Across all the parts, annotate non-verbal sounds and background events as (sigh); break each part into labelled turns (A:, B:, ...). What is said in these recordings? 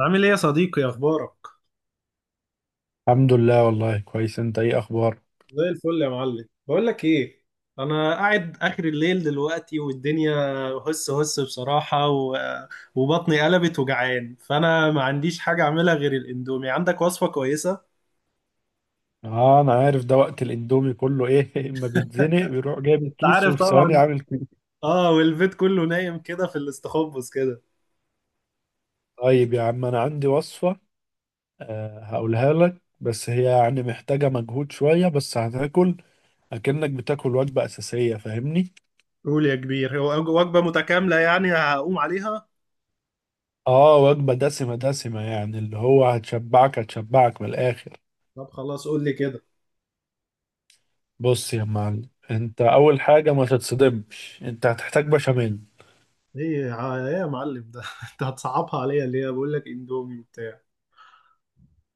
A: عامل ايه يا صديقي اخبارك؟
B: الحمد لله، والله كويس. انت ايه اخبارك؟
A: زي الفل يا معلم. بقول لك ايه، انا قاعد اخر الليل دلوقتي والدنيا هس هس بصراحة، وبطني قلبت وجعان، فانا ما عنديش حاجة اعملها غير الاندومي. عندك وصفة كويسة؟
B: اه، انا عارف ده، وقت الاندومي كله ايه (laughs) اما بيتزنق بيروح جايب
A: انت
B: الكيس
A: عارف
B: وفي ثواني
A: طبعا.
B: عامل كده.
A: اه، والبيت كله نايم كده في الاستخبص كده.
B: طيب يا عم، انا عندي وصفة. هقولها لك، بس هي يعني محتاجة مجهود شوية، بس هتاكل اكنك بتاكل وجبة اساسية، فاهمني؟
A: قول يا كبير، هو وجبة متكاملة يعني هقوم عليها.
B: اه، وجبة دسمة دسمة يعني، اللي هو هتشبعك هتشبعك من الاخر.
A: طب خلاص قول لي كده.
B: بص يا معلم، انت اول حاجة ما تتصدمش، انت هتحتاج بشاميل.
A: ايه يا معلم ده، (laughs) انت هتصعبها عليا ليه؟ بقول لك اندومي وبتاع.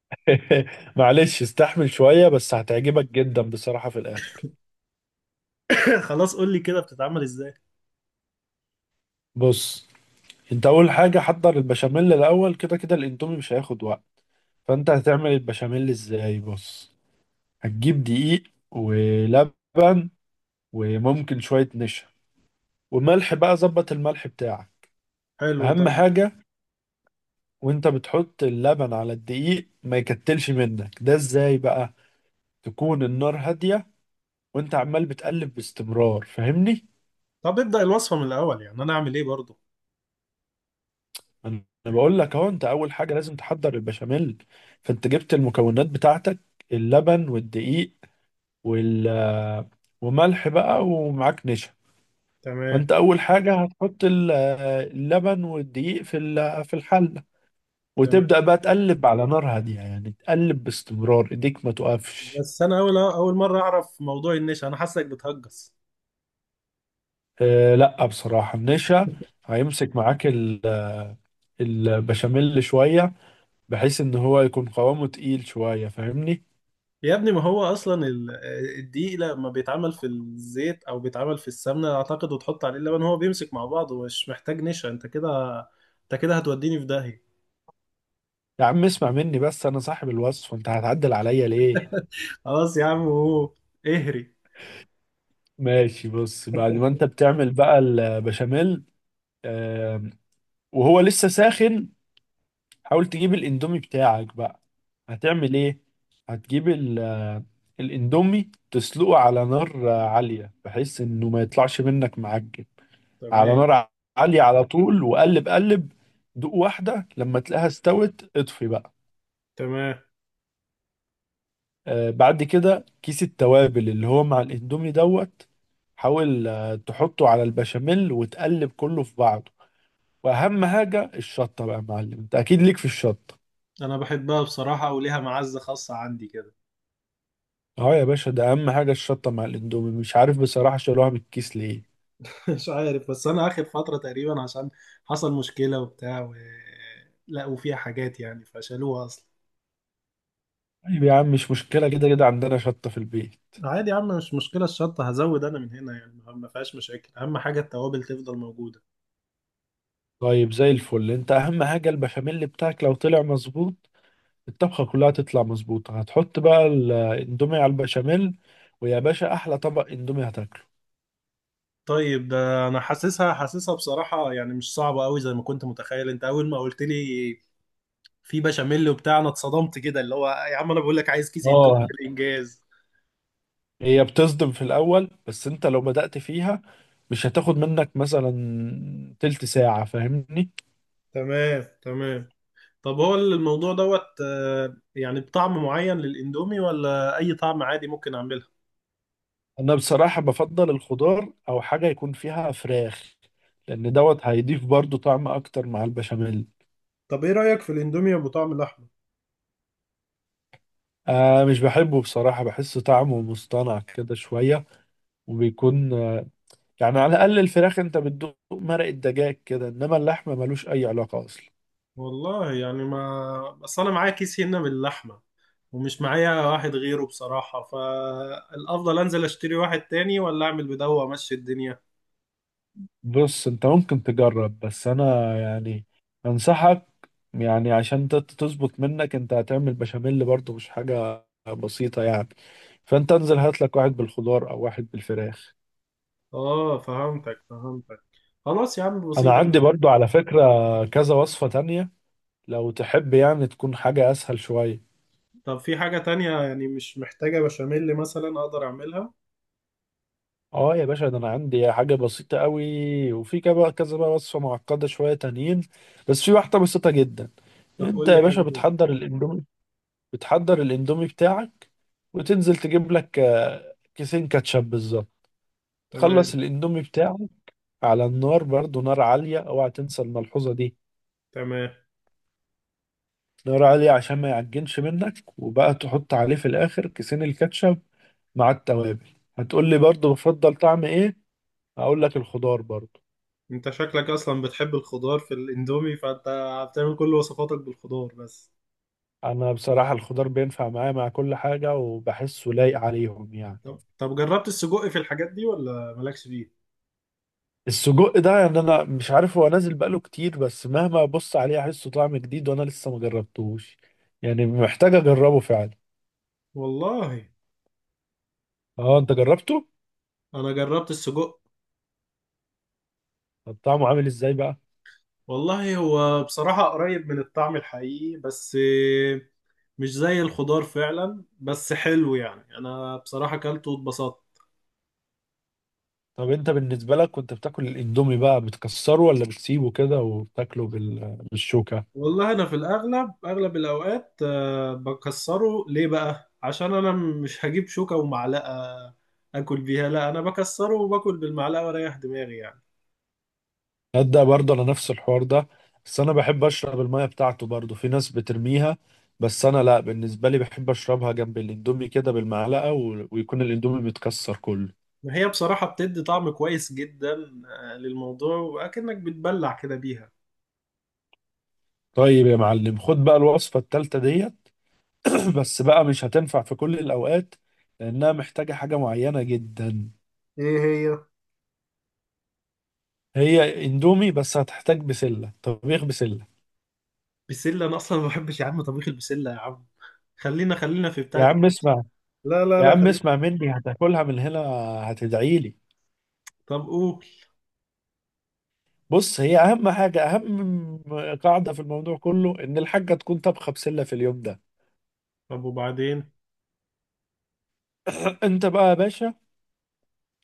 B: (laughs) معلش استحمل شوية، بس هتعجبك جدا بصراحة في الآخر.
A: (laughs) خلاص قول لي كده بتتعمل ازاي.
B: بص، انت أول حاجة حضر البشاميل الأول. كده كده الإندومي مش هياخد وقت. فانت هتعمل البشاميل ازاي؟ بص، هتجيب دقيق، ولبن، وممكن شوية نشا، وملح بقى، ظبط الملح بتاعك،
A: حلو،
B: أهم
A: طب.
B: حاجة. وانت بتحط اللبن على الدقيق ما يكتلش منك ده، ازاي بقى؟ تكون النار هادية، وانت عمال بتقلب باستمرار، فاهمني؟
A: طب ابدأ الوصفة من الأول يعني، أنا أعمل إيه برضو؟
B: انا بقول لك اهو، انت اول حاجه لازم تحضر البشاميل. فانت جبت المكونات بتاعتك، اللبن والدقيق، وال وملح بقى، ومعاك نشا.
A: تمام،
B: فانت اول حاجه هتحط اللبن والدقيق في في الحله،
A: تمام.
B: وتبدا بقى تقلب على نار هاديه، يعني تقلب باستمرار، ايديك ما توقفش.
A: بس أنا أول أول مرة أعرف موضوع النشا، أنا حاسك بتهجس.
B: أه لا، بصراحه النشا هيمسك معاك البشاميل شويه، بحيث ان هو يكون قوامه تقيل شويه، فاهمني؟
A: يا ابني، ما هو أصلا الدقيق لما بيتعمل في الزيت أو بيتعمل في السمنة أعتقد، وتحط عليه اللبن هو بيمسك مع بعضه ومش محتاج نشا. أنت كده هتوديني في داهية.
B: يا عم اسمع مني بس، انا صاحب الوصف، انت هتعدل عليا ليه؟
A: خلاص يا عم، هو اهري.
B: ماشي، بص، بعد ما انت بتعمل بقى البشاميل آم، وهو لسه ساخن، حاول تجيب الاندومي بتاعك بقى. هتعمل ايه؟ هتجيب الاندومي، تسلقه على نار عالية، بحيث انه ما يطلعش منك معجن. على
A: تمام،
B: نار عالية على طول، وقلب قلب، دوق واحدة، لما تلاقيها استوت اطفي بقى.
A: تمام.
B: بعد كده كيس التوابل اللي هو مع الاندومي دوت، حاول تحطه على البشاميل وتقلب كله في بعضه. واهم حاجه الشطه بقى يا معلم، انت اكيد ليك في الشطه.
A: أنا بحبها بصراحة وليها معزة خاصة عندي كده.
B: اه يا باشا، ده اهم حاجه الشطه مع الاندومي، مش عارف بصراحه شالوها من الكيس ليه.
A: (laughs) مش عارف، بس انا اخر فتره تقريبا عشان حصل مشكله وبتاع، لقوا فيها حاجات يعني فشالوها اصلا.
B: طيب يا عم، مش مشكله، كده كده عندنا شطه في البيت.
A: عادي يا عم، مش مشكله الشطه، هزود انا من هنا، يعني ما فيهاش مشاكل، اهم حاجه التوابل تفضل موجوده.
B: طيب زي الفل، انت اهم حاجه البشاميل بتاعك لو طلع مظبوط، الطبخه كلها تطلع مظبوطه. هتحط بقى الاندومي على البشاميل، ويا باشا احلى طبق اندومي هتاكله.
A: طيب، ده انا حاسسها حاسسها بصراحه، يعني مش صعبه قوي زي ما كنت متخيل. انت اول ما قلت لي في بشاميل وبتاع انا اتصدمت كده، اللي هو يا عم انا بقول لك عايز كيس اندومي
B: اه،
A: بالانجاز.
B: هي بتصدم في الأول، بس أنت لو بدأت فيها، مش هتاخد منك مثلا تلت ساعة، فاهمني؟
A: تمام، تمام. طب هو الموضوع دوت يعني بطعم معين للاندومي ولا اي طعم عادي ممكن اعمله؟
B: أنا بصراحة بفضل الخضار، أو حاجة يكون فيها فراخ، لأن دوت هيضيف برضو طعم أكتر مع البشاميل.
A: طب ايه رأيك في الاندومي ابو طعم اللحمة؟
B: آه، مش بحبه بصراحة، بحس طعمه مصطنع كده شوية. وبيكون يعني على الأقل الفراخ، أنت بتدوق مرق الدجاج كده، إنما اللحمة ملوش أي علاقة أصلا.
A: والله يعني ما، بس انا معايا كيس هنا باللحمه، ومش معايا واحد غيره بصراحه. فالافضل انزل اشتري واحد تاني، ولا اعمل بدوه وامشي الدنيا؟
B: بص، انت ممكن تجرب، بس انا يعني انصحك، يعني عشان تظبط منك، انت هتعمل بشاميل برضه، مش حاجة بسيطة يعني. فانت انزل هات لك واحد بالخضار او واحد بالفراخ.
A: اه، فهمتك فهمتك. خلاص يا عم
B: انا
A: بسيطه.
B: عندي برضه على فكرة كذا وصفة تانية، لو تحب يعني تكون حاجة اسهل شوية.
A: طب في حاجه تانية يعني مش محتاجه بشاميل مثلا اقدر اعملها؟
B: اه يا باشا، ده انا عندي حاجة بسيطة قوي، وفي كذا كذا بقى وصفة معقدة شوية تانيين، بس في واحدة بسيطة جدا.
A: طب
B: انت
A: قول لي
B: يا باشا
A: حاجه كده.
B: بتحضر الاندومي بتاعك، وتنزل تجيب لك كيسين كاتشب بالظبط.
A: تمام،
B: تخلص الاندومي بتاعك على النار، برضو نار عالية، اوعى تنسى الملحوظة دي.
A: تمام.
B: نار عالية عشان ما يعجنش منك، وبقى تحط عليه في الاخر كيسين الكاتشب مع التوابل. هتقول لي برضو بفضل طعم ايه؟ هقول لك الخضار برضو.
A: انت شكلك اصلا بتحب الخضار في الاندومي، فانت بتعمل كل وصفاتك بالخضار بس.
B: انا بصراحة الخضار بينفع معايا مع كل حاجة، وبحسه لايق عليهم يعني.
A: طب جربت السجق في الحاجات دي ولا مالكش فيه؟
B: السجق ده يعني انا مش عارف، هو نازل بقاله كتير، بس مهما ابص عليه احسه طعم جديد، وانا لسه ما جربتوش، يعني محتاج اجربه فعلا.
A: والله
B: اه، انت جربته؟
A: انا جربت السجق.
B: طب طعمه عامل ازاي بقى؟
A: والله هو بصراحة قريب من الطعم الحقيقي، بس مش زي الخضار فعلا، بس حلو يعني. انا بصراحة اكلته واتبسطت.
B: طب انت بالنسبه لك كنت بتاكل الاندومي بقى، بتكسره ولا بتسيبه كده وبتاكله بالشوكه؟
A: والله انا في الاغلب اغلب الاوقات بكسره، ليه بقى؟ عشان انا مش هجيب شوكة ومعلقة اكل بيها، لا انا بكسره وباكل بالمعلقة واريح دماغي يعني.
B: تصدق برضه انا نفس الحوار ده. بس انا بحب اشرب الميه بتاعته، برضه في ناس بترميها، بس انا لا، بالنسبه لي بحب اشربها جنب الاندومي كده بالمعلقه، ويكون الاندومي متكسر كله.
A: ما هي بصراحة بتدي طعم كويس جدا للموضوع، وأكنك بتبلع كده بيها.
B: طيب يا معلم، خد بقى الوصفة التالتة ديت. (clears throat) بس بقى مش هتنفع في كل الأوقات، لأنها محتاجة حاجة معينة جدا.
A: ايه هي؟
B: هي اندومي، بس هتحتاج بسلة طبيخ بسلة.
A: بسلة؟ انا اصلا ما بحبش يا عم طبيخ البسلة يا عم، خلينا خلينا في
B: يا
A: بتاعة
B: عم
A: الكاس.
B: اسمع
A: لا لا
B: يا
A: لا،
B: عم
A: خلينا.
B: اسمع مني، هتاكلها من هنا هتدعيلي.
A: طب قول.
B: بص، هي أهم حاجة، أهم قاعدة في الموضوع كله، إن الحاجة تكون طبخة بسلة في اليوم ده.
A: طب وبعدين؟
B: (clears throat) أنت بقى يا باشا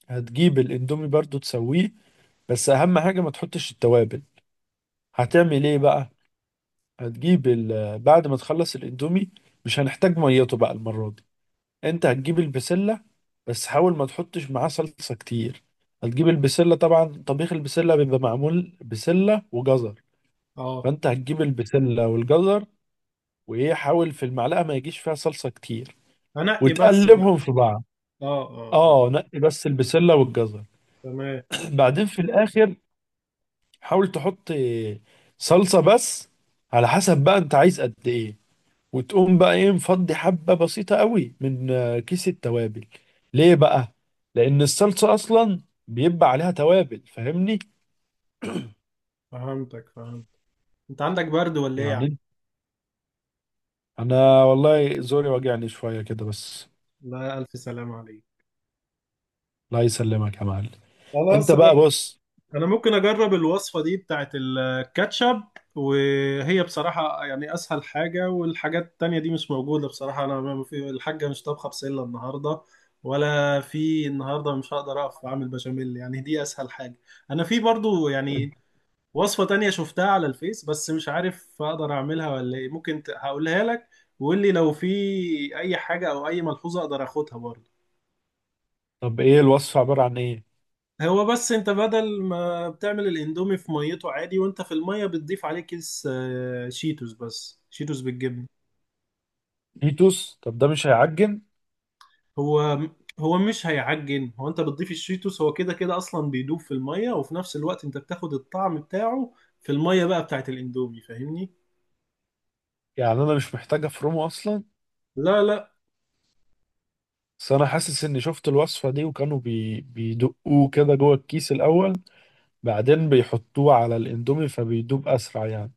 B: هتجيب الاندومي برضو تسويه، بس أهم حاجة ما تحطش التوابل. هتعمل إيه بقى؟ هتجيب بعد ما تخلص الاندومي، مش هنحتاج ميته بقى المرة دي. انت هتجيب البسلة، بس حاول ما تحطش معاه صلصة كتير. هتجيب البسلة، طبعا طبيخ البسلة بيبقى معمول بسلة وجزر.
A: اه.
B: فانت هتجيب البسلة والجزر، وايه، حاول في المعلقة ما يجيش فيها صلصة كتير،
A: هنقي بس بقى.
B: وتقلبهم في بعض.
A: اه اه اه.
B: اه، نقي بس البسلة والجزر.
A: تمام.
B: (clears throat) بعدين في الاخر حاول تحط صلصة بس، على حسب بقى انت عايز قد ايه. وتقوم بقى ايه مفضي حبة بسيطة قوي من كيس التوابل. ليه بقى؟ لأن الصلصة أصلا بيبقى عليها توابل، فاهمني؟
A: فهمتك، فهمت. انت عندك برد ولا ايه يا عم؟
B: يعني أنا والله زوري واجعني شوية كده بس.
A: لا، الف سلام عليك.
B: الله يسلمك يا معلم. أنت
A: خلاص انا
B: بقى بص.
A: انا ممكن اجرب الوصفه دي بتاعت الكاتشب، وهي بصراحه يعني اسهل حاجه، والحاجات التانية دي مش موجوده بصراحه. انا، ما في، الحاجه مش طابخه بسله النهارده، ولا في النهارده مش هقدر اقف اعمل بشاميل، يعني دي اسهل حاجه. انا في برضو يعني وصفه تانية شفتها على الفيس، بس مش عارف اقدر اعملها ولا ايه. ممكن هقولها لك، وقول لي لو في اي حاجه او اي ملحوظه اقدر اخدها برضو.
B: طب إيه الوصفة عبارة عن إيه؟
A: هو بس انت بدل ما بتعمل الاندومي في ميته عادي، وانت في الميه بتضيف عليه كيس شيتوس، بس شيتوس بالجبنه.
B: فيتوس، طب ده مش هيعجن؟
A: هو هو مش هيعجن. هو انت بتضيف الشيتوس، هو كده كده اصلا بيدوب في الميه، وفي نفس الوقت انت بتاخد الطعم بتاعه في الميه بقى بتاعت الاندومي فاهمني.
B: يعني أنا مش محتاج أفرمه أصلا.
A: لا لا.
B: بس أنا حاسس إني شفت الوصفة دي، وكانوا بيدقوه كده جوه الكيس الأول، بعدين بيحطوه على الإندومي فبيدوب أسرع يعني.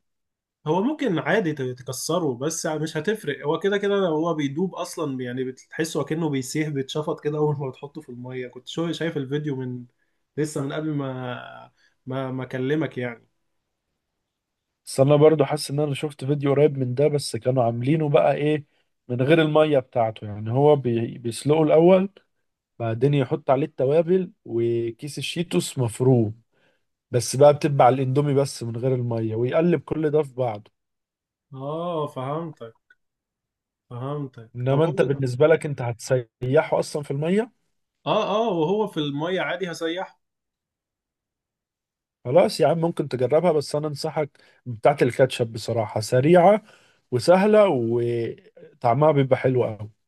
A: هو ممكن عادي تكسره، بس يعني مش هتفرق. هو كده كده لو هو بيدوب اصلا، يعني بتحسه اكنه بيسيح بيتشفط كده اول ما بتحطه في الميه. كنت شو شايف الفيديو من لسه، من قبل ما اكلمك يعني.
B: بس انا برضو حاسس ان انا شفت فيديو قريب من ده، بس كانوا عاملينه بقى ايه، من غير المية بتاعته، يعني هو بيسلقه الاول، بعدين يحط عليه التوابل وكيس الشيتوس مفروم، بس بقى بتبع الاندومي بس من غير المية، ويقلب كل ده في بعضه.
A: اه، فهمتك فهمتك. طب
B: انما
A: هو.
B: انت بالنسبة لك انت هتسيحه اصلا في المية.
A: اه اه، وهو في الميه عادي هسيحه.
B: خلاص يا عم، ممكن تجربها، بس انا انصحك بتاعت الكاتشب، بصراحة سريعة وسهلة، وطعمها بيبقى حلو قوي.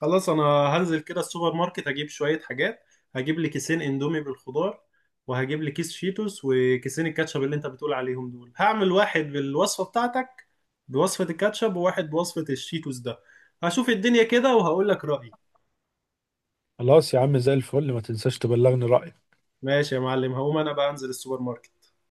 A: خلاص، انا هنزل كده السوبر ماركت اجيب شوية حاجات، هجيب لي كيسين اندومي بالخضار، وهجيب لي كيس شيتوس، وكيسين الكاتشب اللي انت بتقول عليهم دول. هعمل واحد بالوصفة بتاعتك بوصفة الكاتشب، وواحد بوصفة الشيتوس ده. هشوف الدنيا كده وهقول لك رأيي.
B: خلاص يا عم زي الفل، ما تنساش تبلغني رأيك.
A: ماشي يا معلم، هقوم انا بقى انزل السوبر ماركت.